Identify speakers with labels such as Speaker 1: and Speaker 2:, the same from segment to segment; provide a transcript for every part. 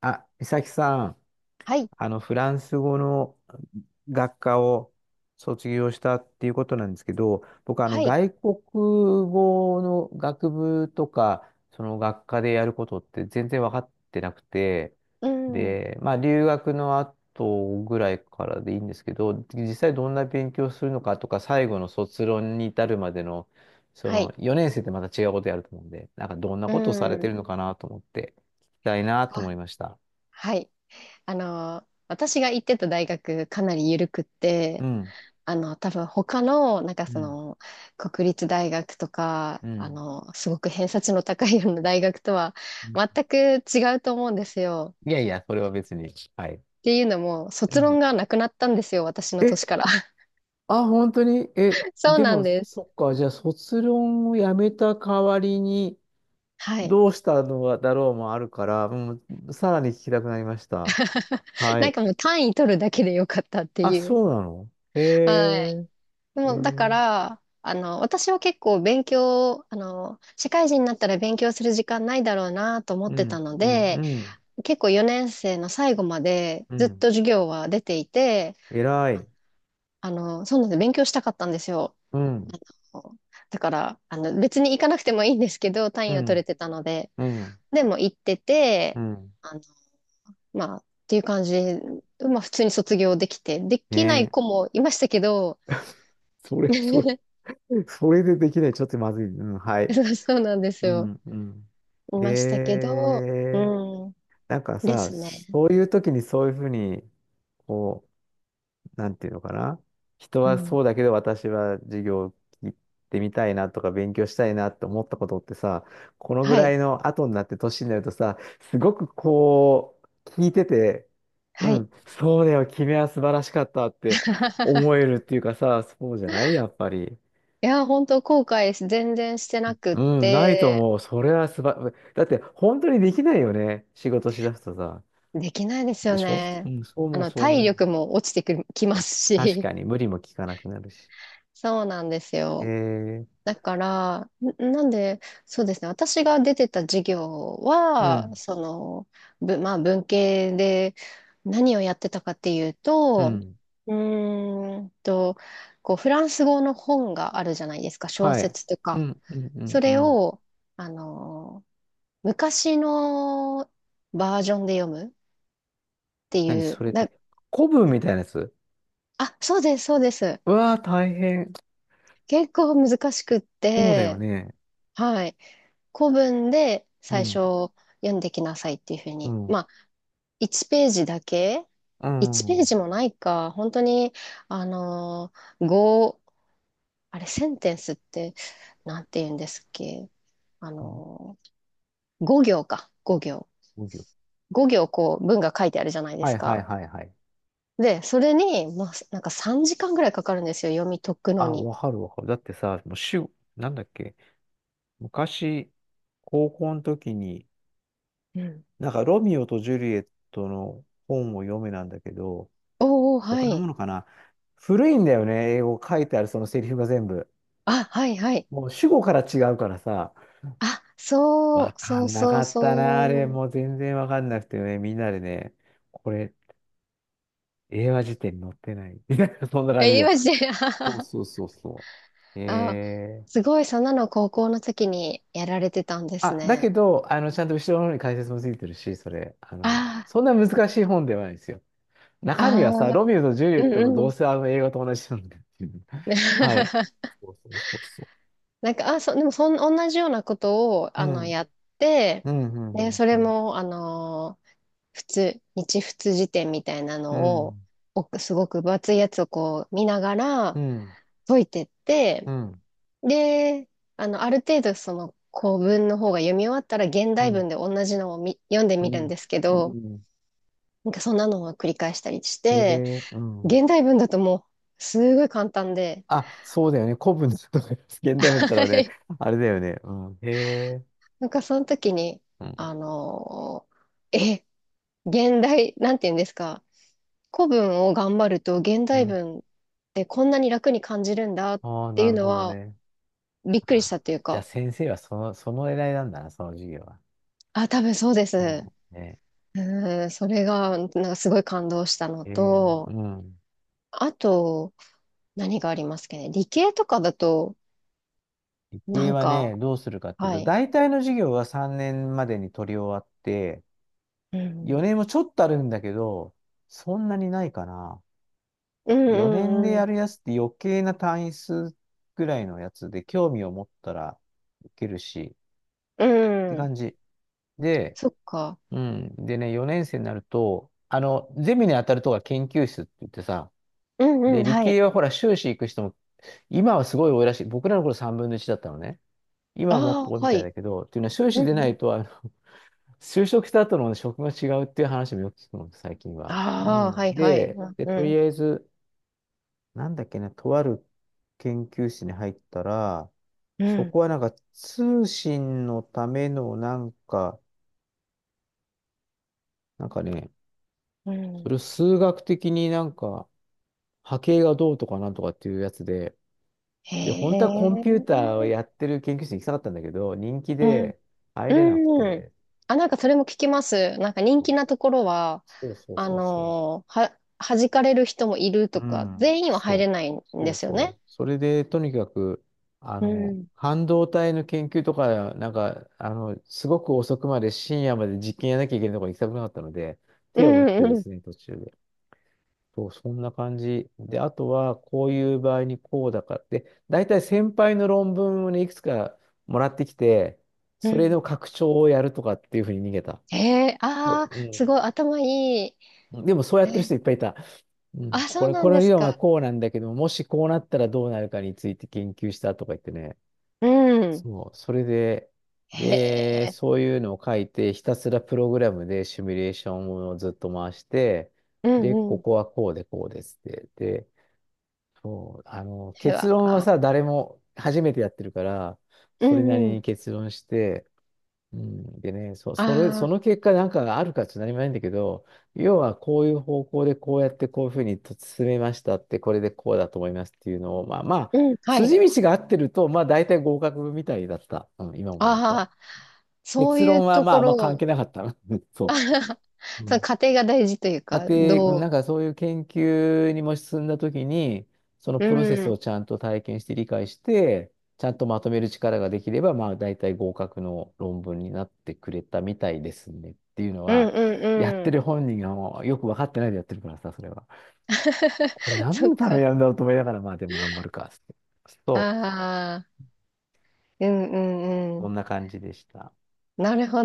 Speaker 1: あ、美咲さん、
Speaker 2: はい、
Speaker 1: フランス語の学科を卒業したっていうことなんですけど、僕、
Speaker 2: はい、
Speaker 1: 外国語の学部とか、その学科でやることって全然分かってなくて、
Speaker 2: うん、
Speaker 1: で、まあ、留学の後ぐらいからでいいんですけど、実際どんな勉強するのかとか、最後の卒論に至るまでの、そ
Speaker 2: は
Speaker 1: の
Speaker 2: い、
Speaker 1: 4年生ってまた違うことやると思うんで、なんかどんな
Speaker 2: う
Speaker 1: ことをされて
Speaker 2: ん。
Speaker 1: るのかなと思って、聞きたいなと
Speaker 2: あ、
Speaker 1: 思いました。
Speaker 2: はい。私が行ってた大学かなり緩くって、
Speaker 1: うん、
Speaker 2: 多分他の、なんか
Speaker 1: う
Speaker 2: そ
Speaker 1: ん、
Speaker 2: の、国立大学とか、
Speaker 1: うん。
Speaker 2: すごく偏差値の高いような大学とは
Speaker 1: うん、
Speaker 2: 全く違うと思うんですよ。
Speaker 1: いやいや、それは別に。はい。
Speaker 2: っていうのも、
Speaker 1: う
Speaker 2: 卒
Speaker 1: ん。
Speaker 2: 論がなくなったんですよ、私の
Speaker 1: え、
Speaker 2: 年から。
Speaker 1: あ、本当に、え、
Speaker 2: そう
Speaker 1: で
Speaker 2: なん
Speaker 1: も、
Speaker 2: です。
Speaker 1: そっか、じゃあ、卒論をやめた代わりに、
Speaker 2: はい。
Speaker 1: どうしたのだろうもあるから、も、うん、さらに聞きたくなりました。は
Speaker 2: なん
Speaker 1: い。
Speaker 2: かもう単位取るだけでよかったって
Speaker 1: あ、
Speaker 2: いう。
Speaker 1: そうなの、へ
Speaker 2: はい。
Speaker 1: え、
Speaker 2: で
Speaker 1: へ
Speaker 2: も、だか
Speaker 1: え、
Speaker 2: ら、私は結構勉強、あの、社会人になったら勉強する時間ないだろうなと思っ
Speaker 1: う
Speaker 2: てた
Speaker 1: ん、
Speaker 2: の
Speaker 1: うん、う
Speaker 2: で、
Speaker 1: ん、
Speaker 2: 結構4年生の最後まで
Speaker 1: う
Speaker 2: ずっ
Speaker 1: ん。
Speaker 2: と授業は出ていて、
Speaker 1: 偉
Speaker 2: あ
Speaker 1: い。
Speaker 2: そうなんです、勉強したかったんですよ。
Speaker 1: うん、
Speaker 2: あのだから、別に行かなくてもいいんですけど、
Speaker 1: う
Speaker 2: 単位を取れ
Speaker 1: ん、
Speaker 2: てたので、
Speaker 1: うん、
Speaker 2: でも行って
Speaker 1: う
Speaker 2: て、
Speaker 1: ん。
Speaker 2: あの、まあ、っていう感じで、まあ、普通に卒業できて、できない
Speaker 1: ね
Speaker 2: 子もいましたけど、
Speaker 1: え。それ、そ それでできない。ちょっとまずい。うん、はい。
Speaker 2: そうそうなんです
Speaker 1: う
Speaker 2: よ。
Speaker 1: ん、うん。
Speaker 2: い
Speaker 1: へ
Speaker 2: ましたけど、う
Speaker 1: え、
Speaker 2: ん、
Speaker 1: なんか
Speaker 2: で
Speaker 1: さ、
Speaker 2: すね。
Speaker 1: そういう時にそういうふうに、こう、なんていうのかな。人
Speaker 2: う
Speaker 1: は
Speaker 2: ん。
Speaker 1: そうだけど私は授業を聞いてみたいなとか勉強したいなって思ったことってさ、このぐ
Speaker 2: は
Speaker 1: ら
Speaker 2: い。
Speaker 1: いの後になって年になるとさ、すごくこう、聞いてて、
Speaker 2: は
Speaker 1: う
Speaker 2: い。
Speaker 1: ん、そうだよ、君は素晴らしかったって思え るっていうかさ、そうじゃないやっぱり。
Speaker 2: いや、本当後悔全然してなくっ
Speaker 1: うん、ないと
Speaker 2: て、
Speaker 1: 思う。それはすば、だって本当にできないよね。仕事しだすとさ。
Speaker 2: できないです
Speaker 1: で
Speaker 2: よ
Speaker 1: しょう
Speaker 2: ね。
Speaker 1: ん、そう思う、そう
Speaker 2: 体
Speaker 1: 思う。
Speaker 2: 力も落ちてきま
Speaker 1: あ、
Speaker 2: す
Speaker 1: 確
Speaker 2: し。
Speaker 1: か に無理も効かなくなるし。
Speaker 2: そうなんです
Speaker 1: え
Speaker 2: よ。
Speaker 1: ー、
Speaker 2: だから、なんで、そうですね、私が出てた授業
Speaker 1: う
Speaker 2: は、
Speaker 1: ん、
Speaker 2: まあ、文系で何をやってたかっていう
Speaker 1: う
Speaker 2: と、
Speaker 1: ん、
Speaker 2: うーんと、こう、フランス語の本があるじゃないですか、小
Speaker 1: はい。
Speaker 2: 説と
Speaker 1: う
Speaker 2: か。
Speaker 1: ん、うん、う
Speaker 2: そ
Speaker 1: ん、う
Speaker 2: れ
Speaker 1: ん。
Speaker 2: を、あの、昔のバージョンで読むって
Speaker 1: 何
Speaker 2: い
Speaker 1: そ
Speaker 2: う、
Speaker 1: れって、古文みたいなやつ。
Speaker 2: あ、そうです、そうです。
Speaker 1: うわー、大変。
Speaker 2: 結構難しくっ
Speaker 1: そうだよ
Speaker 2: て、
Speaker 1: ね。
Speaker 2: はい。古文で
Speaker 1: う
Speaker 2: 最
Speaker 1: ん、
Speaker 2: 初読んできなさいっていうふう
Speaker 1: う
Speaker 2: に。
Speaker 1: ん、
Speaker 2: まあ、1ページだけ
Speaker 1: う
Speaker 2: ?1 ペー
Speaker 1: ん。
Speaker 2: ジもないか。本当に、あのー、ごあれ、センテンスって、なんて言うんですっけ。あの5行か。5行。
Speaker 1: 無病、
Speaker 2: 5行こう、文が書いてあるじゃないで
Speaker 1: は
Speaker 2: す
Speaker 1: いはい
Speaker 2: か。
Speaker 1: はいはい。
Speaker 2: で、それに、まあ、なんか3時間ぐらいかかるんですよ。読み解くの
Speaker 1: あ、
Speaker 2: に。
Speaker 1: わかるわかる。だってさ、もう主、なんだっけ、昔、高校の時に、
Speaker 2: うん。
Speaker 1: なんか、ロミオとジュリエットの本を読めなんだけど、
Speaker 2: おお、は
Speaker 1: 他のも
Speaker 2: い。
Speaker 1: のかな。古いんだよね、英語書いてあるそのセリフが全部。
Speaker 2: あ、はい、はい。
Speaker 1: もう主語から違うからさ、
Speaker 2: あ、そ
Speaker 1: わ
Speaker 2: う、
Speaker 1: か
Speaker 2: そう
Speaker 1: んな
Speaker 2: そ
Speaker 1: か
Speaker 2: う
Speaker 1: ったな、あ
Speaker 2: そ
Speaker 1: れ。
Speaker 2: う。
Speaker 1: もう全然わかんなくてね、みんなでね、これ、英和辞典に載ってない。みたいなそんな感じ
Speaker 2: え、
Speaker 1: よ。
Speaker 2: 今して。
Speaker 1: そう そうそうそう。
Speaker 2: あ、
Speaker 1: えー。
Speaker 2: すごい、そんなの高校の時にやられてたんです
Speaker 1: あ、だ
Speaker 2: ね。
Speaker 1: けど、ちゃんと後ろの方に解説もついてるし、それ、
Speaker 2: あ
Speaker 1: そんな難しい本ではないですよ。
Speaker 2: あ、
Speaker 1: 中身はさ、
Speaker 2: ああ、
Speaker 1: ロミオとジュリエ
Speaker 2: う
Speaker 1: ッ
Speaker 2: ん
Speaker 1: トのど
Speaker 2: う
Speaker 1: う
Speaker 2: ん。
Speaker 1: せあの映画と同じなんだっていう。はい。そうそうそうそ
Speaker 2: なんか、でも同じようなことを、
Speaker 1: う。うん。
Speaker 2: やって、
Speaker 1: うん、う
Speaker 2: で、そ
Speaker 1: ん、う
Speaker 2: れ
Speaker 1: ん、
Speaker 2: も、普通、日仏辞典みたいな
Speaker 1: う
Speaker 2: のを、
Speaker 1: ん。
Speaker 2: すごく分厚いやつをこう見なが
Speaker 1: う
Speaker 2: ら
Speaker 1: ん、
Speaker 2: 解いてっ
Speaker 1: う
Speaker 2: て、
Speaker 1: ん、
Speaker 2: で、ある程度その古文の方が読み終わったら現
Speaker 1: う
Speaker 2: 代
Speaker 1: ん、
Speaker 2: 文で同じのを読んで
Speaker 1: う
Speaker 2: みるん
Speaker 1: ん。
Speaker 2: ですけ
Speaker 1: う
Speaker 2: ど、
Speaker 1: ん、
Speaker 2: なんかそんなのを繰り返したりし
Speaker 1: へ
Speaker 2: て、
Speaker 1: え、うん。
Speaker 2: 現代文だともうすごい簡単で、
Speaker 1: あ、そうだよね。古文とか、現代文だった
Speaker 2: は
Speaker 1: らね、
Speaker 2: い。
Speaker 1: あれだよね。うん。へえ、
Speaker 2: なんかその時に、
Speaker 1: うん、
Speaker 2: あのーえ、現代、なんて言うんですか、古文を頑張ると現
Speaker 1: う
Speaker 2: 代
Speaker 1: ん。
Speaker 2: 文ってこんなに楽に感じるんだっ
Speaker 1: ああ、
Speaker 2: てい
Speaker 1: な
Speaker 2: う
Speaker 1: る
Speaker 2: の
Speaker 1: ほど
Speaker 2: は
Speaker 1: ね。
Speaker 2: びっくりした
Speaker 1: あ
Speaker 2: って
Speaker 1: ー、
Speaker 2: いう
Speaker 1: じゃあ
Speaker 2: か、
Speaker 1: 先生はその、その狙いなんだな、その授業は。
Speaker 2: あ、多分そうで
Speaker 1: うん。
Speaker 2: す。
Speaker 1: ね。
Speaker 2: うん、それがなんかすごい感動したの
Speaker 1: へえ、う
Speaker 2: と、
Speaker 1: ん。
Speaker 2: あと何がありますかね、理系とかだと、
Speaker 1: 理
Speaker 2: な
Speaker 1: 系
Speaker 2: ん
Speaker 1: は
Speaker 2: か、
Speaker 1: ね、どうするかっていう
Speaker 2: は
Speaker 1: と、
Speaker 2: い。
Speaker 1: 大体の授業は3年までに取り終わって、
Speaker 2: うん
Speaker 1: 4年もちょっとあるんだけど、そんなにないかな。
Speaker 2: う
Speaker 1: 4年で
Speaker 2: んうん
Speaker 1: やるやつって余計な単位数ぐらいのやつで、興味を持ったらいけるし、
Speaker 2: う
Speaker 1: って
Speaker 2: ん。
Speaker 1: 感じ。で、
Speaker 2: そっか。
Speaker 1: うん。でね、4年生になると、ゼミに当たるとが研究室って言ってさ、
Speaker 2: うんう
Speaker 1: で、
Speaker 2: ん、
Speaker 1: 理
Speaker 2: はい。
Speaker 1: 系はほら、修士行く人も、今はすごい多いらしい。僕らの頃3分の1だったのね。今はもっ
Speaker 2: あ
Speaker 1: と
Speaker 2: あ、
Speaker 1: 多いみ
Speaker 2: は
Speaker 1: たい
Speaker 2: い。
Speaker 1: だけど、っていうのは修士
Speaker 2: う
Speaker 1: 出な
Speaker 2: ん。
Speaker 1: いと、あの、就職した後の職が違うっていう話もよく聞くの、最近は。う
Speaker 2: ああ、は
Speaker 1: ん。
Speaker 2: いはい。
Speaker 1: で、で、
Speaker 2: う
Speaker 1: とり
Speaker 2: ん、
Speaker 1: あえず、なんだっけな、とある研究室に入ったら、
Speaker 2: う
Speaker 1: そ
Speaker 2: ん、
Speaker 1: こはなんか通信のためのなんか、なんかね、
Speaker 2: う
Speaker 1: そ
Speaker 2: ん。
Speaker 1: れを数学的になんか波形がどうとかなんとかっていうやつで、
Speaker 2: へ
Speaker 1: で、本当はコンピューター
Speaker 2: え。
Speaker 1: をやってる研究室に行きたかったんだけど、人気
Speaker 2: うん、
Speaker 1: で入れなく
Speaker 2: うん。
Speaker 1: て、
Speaker 2: あ、なんかそれも聞きます。なんか人気なところは、
Speaker 1: そうそうそうそう。
Speaker 2: 弾かれる人もいると
Speaker 1: う
Speaker 2: か、
Speaker 1: ん、
Speaker 2: 全員は入れ
Speaker 1: そ
Speaker 2: ないん
Speaker 1: う、そ
Speaker 2: で
Speaker 1: う
Speaker 2: すよね。
Speaker 1: そう。それで、とにかく、
Speaker 2: うん。
Speaker 1: 半導体の研究とか、なんか、すごく遅くまで深夜まで実験やらなきゃいけないところに行きたくなかったので、
Speaker 2: う
Speaker 1: 手を打っ
Speaker 2: ん、
Speaker 1: て
Speaker 2: う
Speaker 1: で
Speaker 2: ん、
Speaker 1: すね、途中で。そう、そんな感じ。で、あとは、こういう場合にこうだから。で、大体先輩の論文をね、いくつかもらってきて、
Speaker 2: う
Speaker 1: それ
Speaker 2: ん。
Speaker 1: の拡張をやるとかっていうふうに逃げた。
Speaker 2: へえ、
Speaker 1: う
Speaker 2: ああ、すごい頭いい。
Speaker 1: ん。でも、そうやってる
Speaker 2: え
Speaker 1: 人いっぱいいた。うん。
Speaker 2: そ
Speaker 1: こ
Speaker 2: う
Speaker 1: れ、
Speaker 2: な
Speaker 1: こ
Speaker 2: ん
Speaker 1: の
Speaker 2: で
Speaker 1: 理
Speaker 2: す
Speaker 1: 論は
Speaker 2: か。
Speaker 1: こうなんだけども、し、こうなったらどうなるかについて研究したとか言ってね。
Speaker 2: うん。
Speaker 1: そう。それで、
Speaker 2: へ
Speaker 1: で、
Speaker 2: え、
Speaker 1: そういうのを書いて、ひたすらプログラムでシミュレーションをずっと回して、
Speaker 2: う
Speaker 1: で、こ
Speaker 2: ん、
Speaker 1: こはこうでこうですって。で、そう、
Speaker 2: で
Speaker 1: 結
Speaker 2: は、
Speaker 1: 論は
Speaker 2: あ
Speaker 1: さ、誰も初めてやってるから、
Speaker 2: う
Speaker 1: それなり
Speaker 2: んうん。
Speaker 1: に結論して、うん、でね、そ
Speaker 2: ああ
Speaker 1: の結果なんかがあるかちょっと何もないんだけど、要はこういう方向でこうやってこういうふうに進めましたって、これでこうだと思いますっていうのを、まあまあ、
Speaker 2: うん。はい。
Speaker 1: 筋道が合ってると、まあ大体合格みたいだった。うん、今思うと。
Speaker 2: ああ、そう
Speaker 1: 結
Speaker 2: いう
Speaker 1: 論は
Speaker 2: と
Speaker 1: まああ
Speaker 2: こ
Speaker 1: ん
Speaker 2: ろ
Speaker 1: ま関
Speaker 2: を、
Speaker 1: 係なかったな。
Speaker 2: あ
Speaker 1: そ
Speaker 2: はは
Speaker 1: う。う
Speaker 2: その
Speaker 1: ん、
Speaker 2: 過程が大事という
Speaker 1: 家
Speaker 2: か、
Speaker 1: 庭、なんかそういう研究にも進んだときに、そのプロセ
Speaker 2: う
Speaker 1: ス
Speaker 2: ん。
Speaker 1: をちゃんと体験して理解して、ちゃんとまとめる力ができれば、まあ大体合格の論文になってくれたみたいですねっていうの
Speaker 2: うん
Speaker 1: は、
Speaker 2: う
Speaker 1: やっ
Speaker 2: んう
Speaker 1: て
Speaker 2: ん。
Speaker 1: る本人がもうよく分かってないでやってるからさ、それは。これ 何
Speaker 2: そっ
Speaker 1: のため
Speaker 2: か。
Speaker 1: なんだろうと思いながら、まあでも頑張るかっつって。
Speaker 2: あ
Speaker 1: そう、
Speaker 2: あ、うんうんう
Speaker 1: こ
Speaker 2: ん。
Speaker 1: んな感じでした。
Speaker 2: なるほ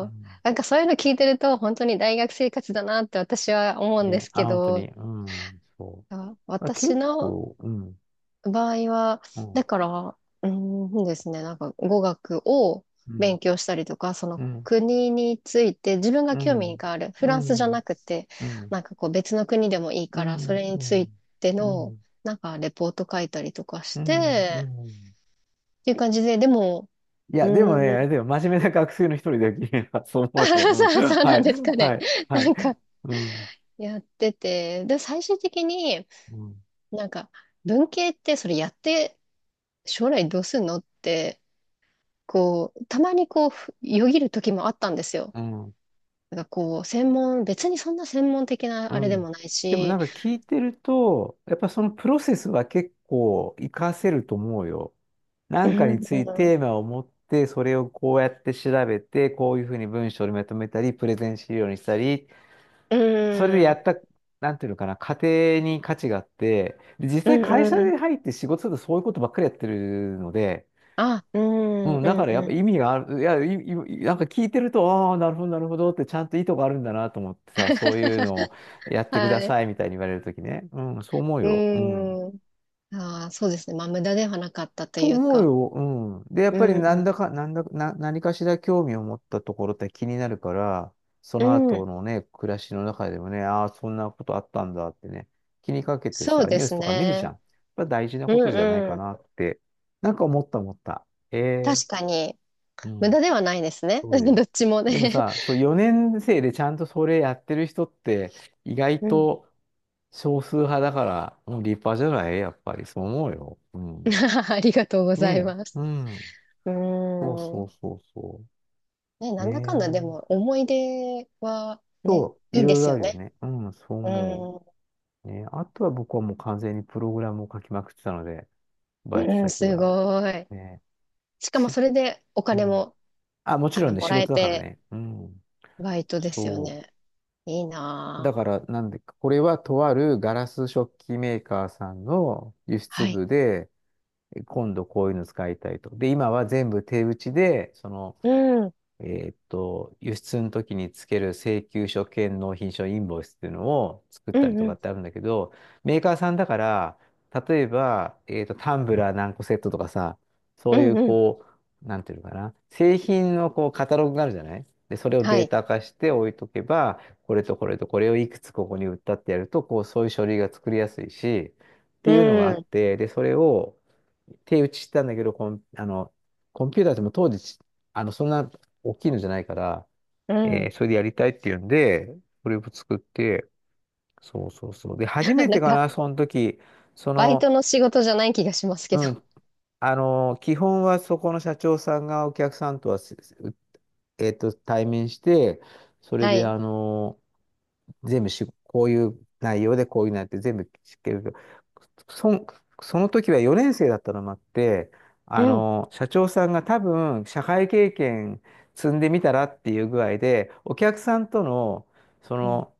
Speaker 1: うん。
Speaker 2: なんかそういうの聞いてると、本当に大学生活だなって私は思うんで
Speaker 1: ね、
Speaker 2: す
Speaker 1: あ、
Speaker 2: け
Speaker 1: 本当に、
Speaker 2: ど、
Speaker 1: うん、そう。あ、
Speaker 2: 私
Speaker 1: 結
Speaker 2: の
Speaker 1: 構、うん、
Speaker 2: 場合は、
Speaker 1: うん、
Speaker 2: だから、ですね、なんか語学を
Speaker 1: う
Speaker 2: 勉
Speaker 1: ん、
Speaker 2: 強したりとか、そ
Speaker 1: う
Speaker 2: の
Speaker 1: ん、
Speaker 2: 国について自分が
Speaker 1: う
Speaker 2: 興味
Speaker 1: ん。
Speaker 2: がある、フ
Speaker 1: う
Speaker 2: ランスじゃ
Speaker 1: ん、
Speaker 2: なくて、
Speaker 1: うん、
Speaker 2: なんかこう別の国でもいい
Speaker 1: う
Speaker 2: から、そ
Speaker 1: ん、
Speaker 2: れに
Speaker 1: う
Speaker 2: つい
Speaker 1: ん、
Speaker 2: て
Speaker 1: う
Speaker 2: の、
Speaker 1: ん、
Speaker 2: なんかレポート書いたりとかし
Speaker 1: うん、う
Speaker 2: て、
Speaker 1: ん。
Speaker 2: っていう感じで、でも、
Speaker 1: い
Speaker 2: う
Speaker 1: や、でもね、
Speaker 2: ー
Speaker 1: あ
Speaker 2: ん、
Speaker 1: れだよ、真面目な学生の一人だよ、君は。そう思う よ。
Speaker 2: そ
Speaker 1: う
Speaker 2: う
Speaker 1: ん。
Speaker 2: そう
Speaker 1: は
Speaker 2: なん
Speaker 1: い、
Speaker 2: ですか
Speaker 1: は
Speaker 2: ね。
Speaker 1: い、は
Speaker 2: な
Speaker 1: い。
Speaker 2: んか
Speaker 1: うん、
Speaker 2: やってて、で、最終的に
Speaker 1: うん、
Speaker 2: なんか文系ってそれやって将来どうすんのって、こう、たまにこう、よぎる時もあったんですよ。
Speaker 1: うん、
Speaker 2: なんかこう、別にそんな専門的
Speaker 1: う
Speaker 2: なあれで
Speaker 1: ん。
Speaker 2: もない
Speaker 1: でもなん
Speaker 2: し、
Speaker 1: か聞いてると、やっぱそのプロセスは結構活かせると思うよ。な
Speaker 2: う
Speaker 1: んかに
Speaker 2: ん、
Speaker 1: つ
Speaker 2: う
Speaker 1: いてテー
Speaker 2: ん、
Speaker 1: マを持って、それをこうやって調べて、こういうふうに文章にまとめたり、プレゼン資料にしたり、
Speaker 2: う
Speaker 1: それでや
Speaker 2: ん、
Speaker 1: った、なんていうのかな、家庭に価値があって、で実
Speaker 2: う
Speaker 1: 際会社
Speaker 2: ん、うん、
Speaker 1: に入って仕事するとそういうことばっかりやってるので、
Speaker 2: あ、うん、う
Speaker 1: うん、
Speaker 2: ん、
Speaker 1: だからやっ
Speaker 2: う
Speaker 1: ぱ
Speaker 2: ん、
Speaker 1: 意味がある、いや、い、いなんか聞いてると、ああ、なるほど、なるほどって、ちゃんと意図があるんだなと思ってさ、そういうのをやってくだ
Speaker 2: はい、
Speaker 1: さいみたいに言われるときね。うん、そう思う
Speaker 2: う
Speaker 1: よ。うん。
Speaker 2: ん、そうですね。まあ、無駄ではなかったと
Speaker 1: と
Speaker 2: いう
Speaker 1: 思う
Speaker 2: か、
Speaker 1: よ。うん。で、やっ
Speaker 2: う
Speaker 1: ぱりなん
Speaker 2: ん、
Speaker 1: だか、なんだ、な、何かしら興味を持ったところって気になるから、そ
Speaker 2: う
Speaker 1: の
Speaker 2: ん、
Speaker 1: 後のね、暮らしの中でもね、ああ、そんなことあったんだってね、気にかけて
Speaker 2: そう
Speaker 1: さ、
Speaker 2: で
Speaker 1: ニュース
Speaker 2: す
Speaker 1: とか見るじゃん。
Speaker 2: ね。
Speaker 1: やっぱ大事な
Speaker 2: う
Speaker 1: ことじゃない
Speaker 2: ん、う
Speaker 1: か
Speaker 2: ん、
Speaker 1: なって、なんか思った思った。え
Speaker 2: 確
Speaker 1: え、
Speaker 2: かに、
Speaker 1: う
Speaker 2: 無駄
Speaker 1: ん。
Speaker 2: ではないですね。
Speaker 1: そうだよ。
Speaker 2: どっちも
Speaker 1: でも
Speaker 2: ね。
Speaker 1: さ、そう4年生でちゃんとそれやってる人って意外
Speaker 2: うん、
Speaker 1: と少数派だから、もう立派じゃないやっぱりそう思うよ。うん。
Speaker 2: ありがとうござい
Speaker 1: ね
Speaker 2: ま
Speaker 1: え。
Speaker 2: す。
Speaker 1: うん。
Speaker 2: う
Speaker 1: そうそ
Speaker 2: ん。
Speaker 1: うそうそ
Speaker 2: ね、
Speaker 1: う。
Speaker 2: な
Speaker 1: ね
Speaker 2: んだかんだでも
Speaker 1: え。
Speaker 2: 思い出はね、
Speaker 1: そう、い
Speaker 2: いいで
Speaker 1: ろい
Speaker 2: す
Speaker 1: ろあ
Speaker 2: よ
Speaker 1: るよ
Speaker 2: ね。
Speaker 1: ね。うん、そう
Speaker 2: う
Speaker 1: 思
Speaker 2: ん、
Speaker 1: う。ねえ、あとは僕はもう完全にプログラムを書きまくってたので、バイト
Speaker 2: うん、
Speaker 1: 先
Speaker 2: す
Speaker 1: は。
Speaker 2: ごい。
Speaker 1: ねえ。
Speaker 2: しかも
Speaker 1: し、
Speaker 2: それでお
Speaker 1: う
Speaker 2: 金
Speaker 1: ん。
Speaker 2: も、
Speaker 1: あ、もちろんね、
Speaker 2: も
Speaker 1: 仕
Speaker 2: らえ
Speaker 1: 事だから
Speaker 2: て、
Speaker 1: ね。うん。
Speaker 2: バイトですよ
Speaker 1: そ
Speaker 2: ね。いい
Speaker 1: う。だ
Speaker 2: なぁ。
Speaker 1: から、なんで、これはとあるガラス食器メーカーさんの輸出
Speaker 2: はい。
Speaker 1: 部で、今度こういうの使いたいと。で、今は全部手打ちで、その、
Speaker 2: うん、うん、
Speaker 1: 輸出の時につける請求書兼納品書インボイスっていうのを作っ
Speaker 2: う
Speaker 1: たりとか
Speaker 2: ん、
Speaker 1: ってあるんだけど、メーカーさんだから、例えば、タンブラー何個セットとかさ、
Speaker 2: う
Speaker 1: そうい
Speaker 2: ん、
Speaker 1: う
Speaker 2: うん。
Speaker 1: こう、なんていうのかな、製品のこうカタログがあるじゃないで、それを
Speaker 2: は
Speaker 1: デー
Speaker 2: い。
Speaker 1: タ化して置いとけば、これとこれとこれをいくつここに売ったってやると、こう、そういう書類が作りやすいし、って
Speaker 2: う
Speaker 1: いうのがあっ
Speaker 2: ん、
Speaker 1: て、で、それを手打ちしたんだけど、コン、コンピューターでも当時、あの、そんな大きいのじゃないから、
Speaker 2: う
Speaker 1: えー、
Speaker 2: ん。
Speaker 1: それでやりたいっていうんで、これを作って、そうそうそう。で、初 め
Speaker 2: な
Speaker 1: て
Speaker 2: ん
Speaker 1: か
Speaker 2: か、
Speaker 1: な、その時、そ
Speaker 2: バイト
Speaker 1: の、
Speaker 2: の仕事じゃない気がしますけ
Speaker 1: う
Speaker 2: ど。
Speaker 1: ん、基本はそこの社長さんがお客さんとは、すす、えっと、対面して、それ
Speaker 2: は
Speaker 1: で、
Speaker 2: い。
Speaker 1: 全部し、こういう内容でこういう内容って全部知ってるけど、そん、その時は4年生だったのもあって、
Speaker 2: うん、
Speaker 1: 社長さんが多分社会経験積んでみたらっていう具合で、お客さんとの、そ
Speaker 2: うん。
Speaker 1: の、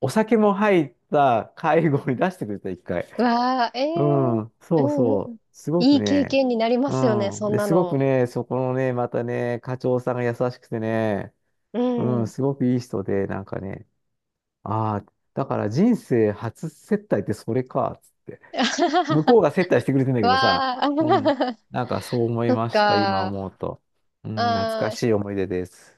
Speaker 1: お酒も入った会合に出してくれた、一回。
Speaker 2: うわぁ、え
Speaker 1: う
Speaker 2: ー、
Speaker 1: ん、
Speaker 2: う
Speaker 1: そう
Speaker 2: ん、う
Speaker 1: そ
Speaker 2: ん。
Speaker 1: う。すご
Speaker 2: い
Speaker 1: く
Speaker 2: い経
Speaker 1: ね、
Speaker 2: 験になり
Speaker 1: う
Speaker 2: ますよね、
Speaker 1: ん。
Speaker 2: そん
Speaker 1: で、
Speaker 2: な
Speaker 1: すごく
Speaker 2: の。
Speaker 1: ね、そこのね、またね、課長さんが優しくてね、
Speaker 2: う
Speaker 1: うん、
Speaker 2: ん。
Speaker 1: すごくいい人で、なんかね、ああ、だから人生初接待ってそれか、つって。向こう が接待してくれてんだけどさ、
Speaker 2: わあ、
Speaker 1: うん。なんかそう思 い
Speaker 2: そっ
Speaker 1: ました、今
Speaker 2: か。あ
Speaker 1: 思うと。うん、懐か
Speaker 2: あ。
Speaker 1: しい思い出です。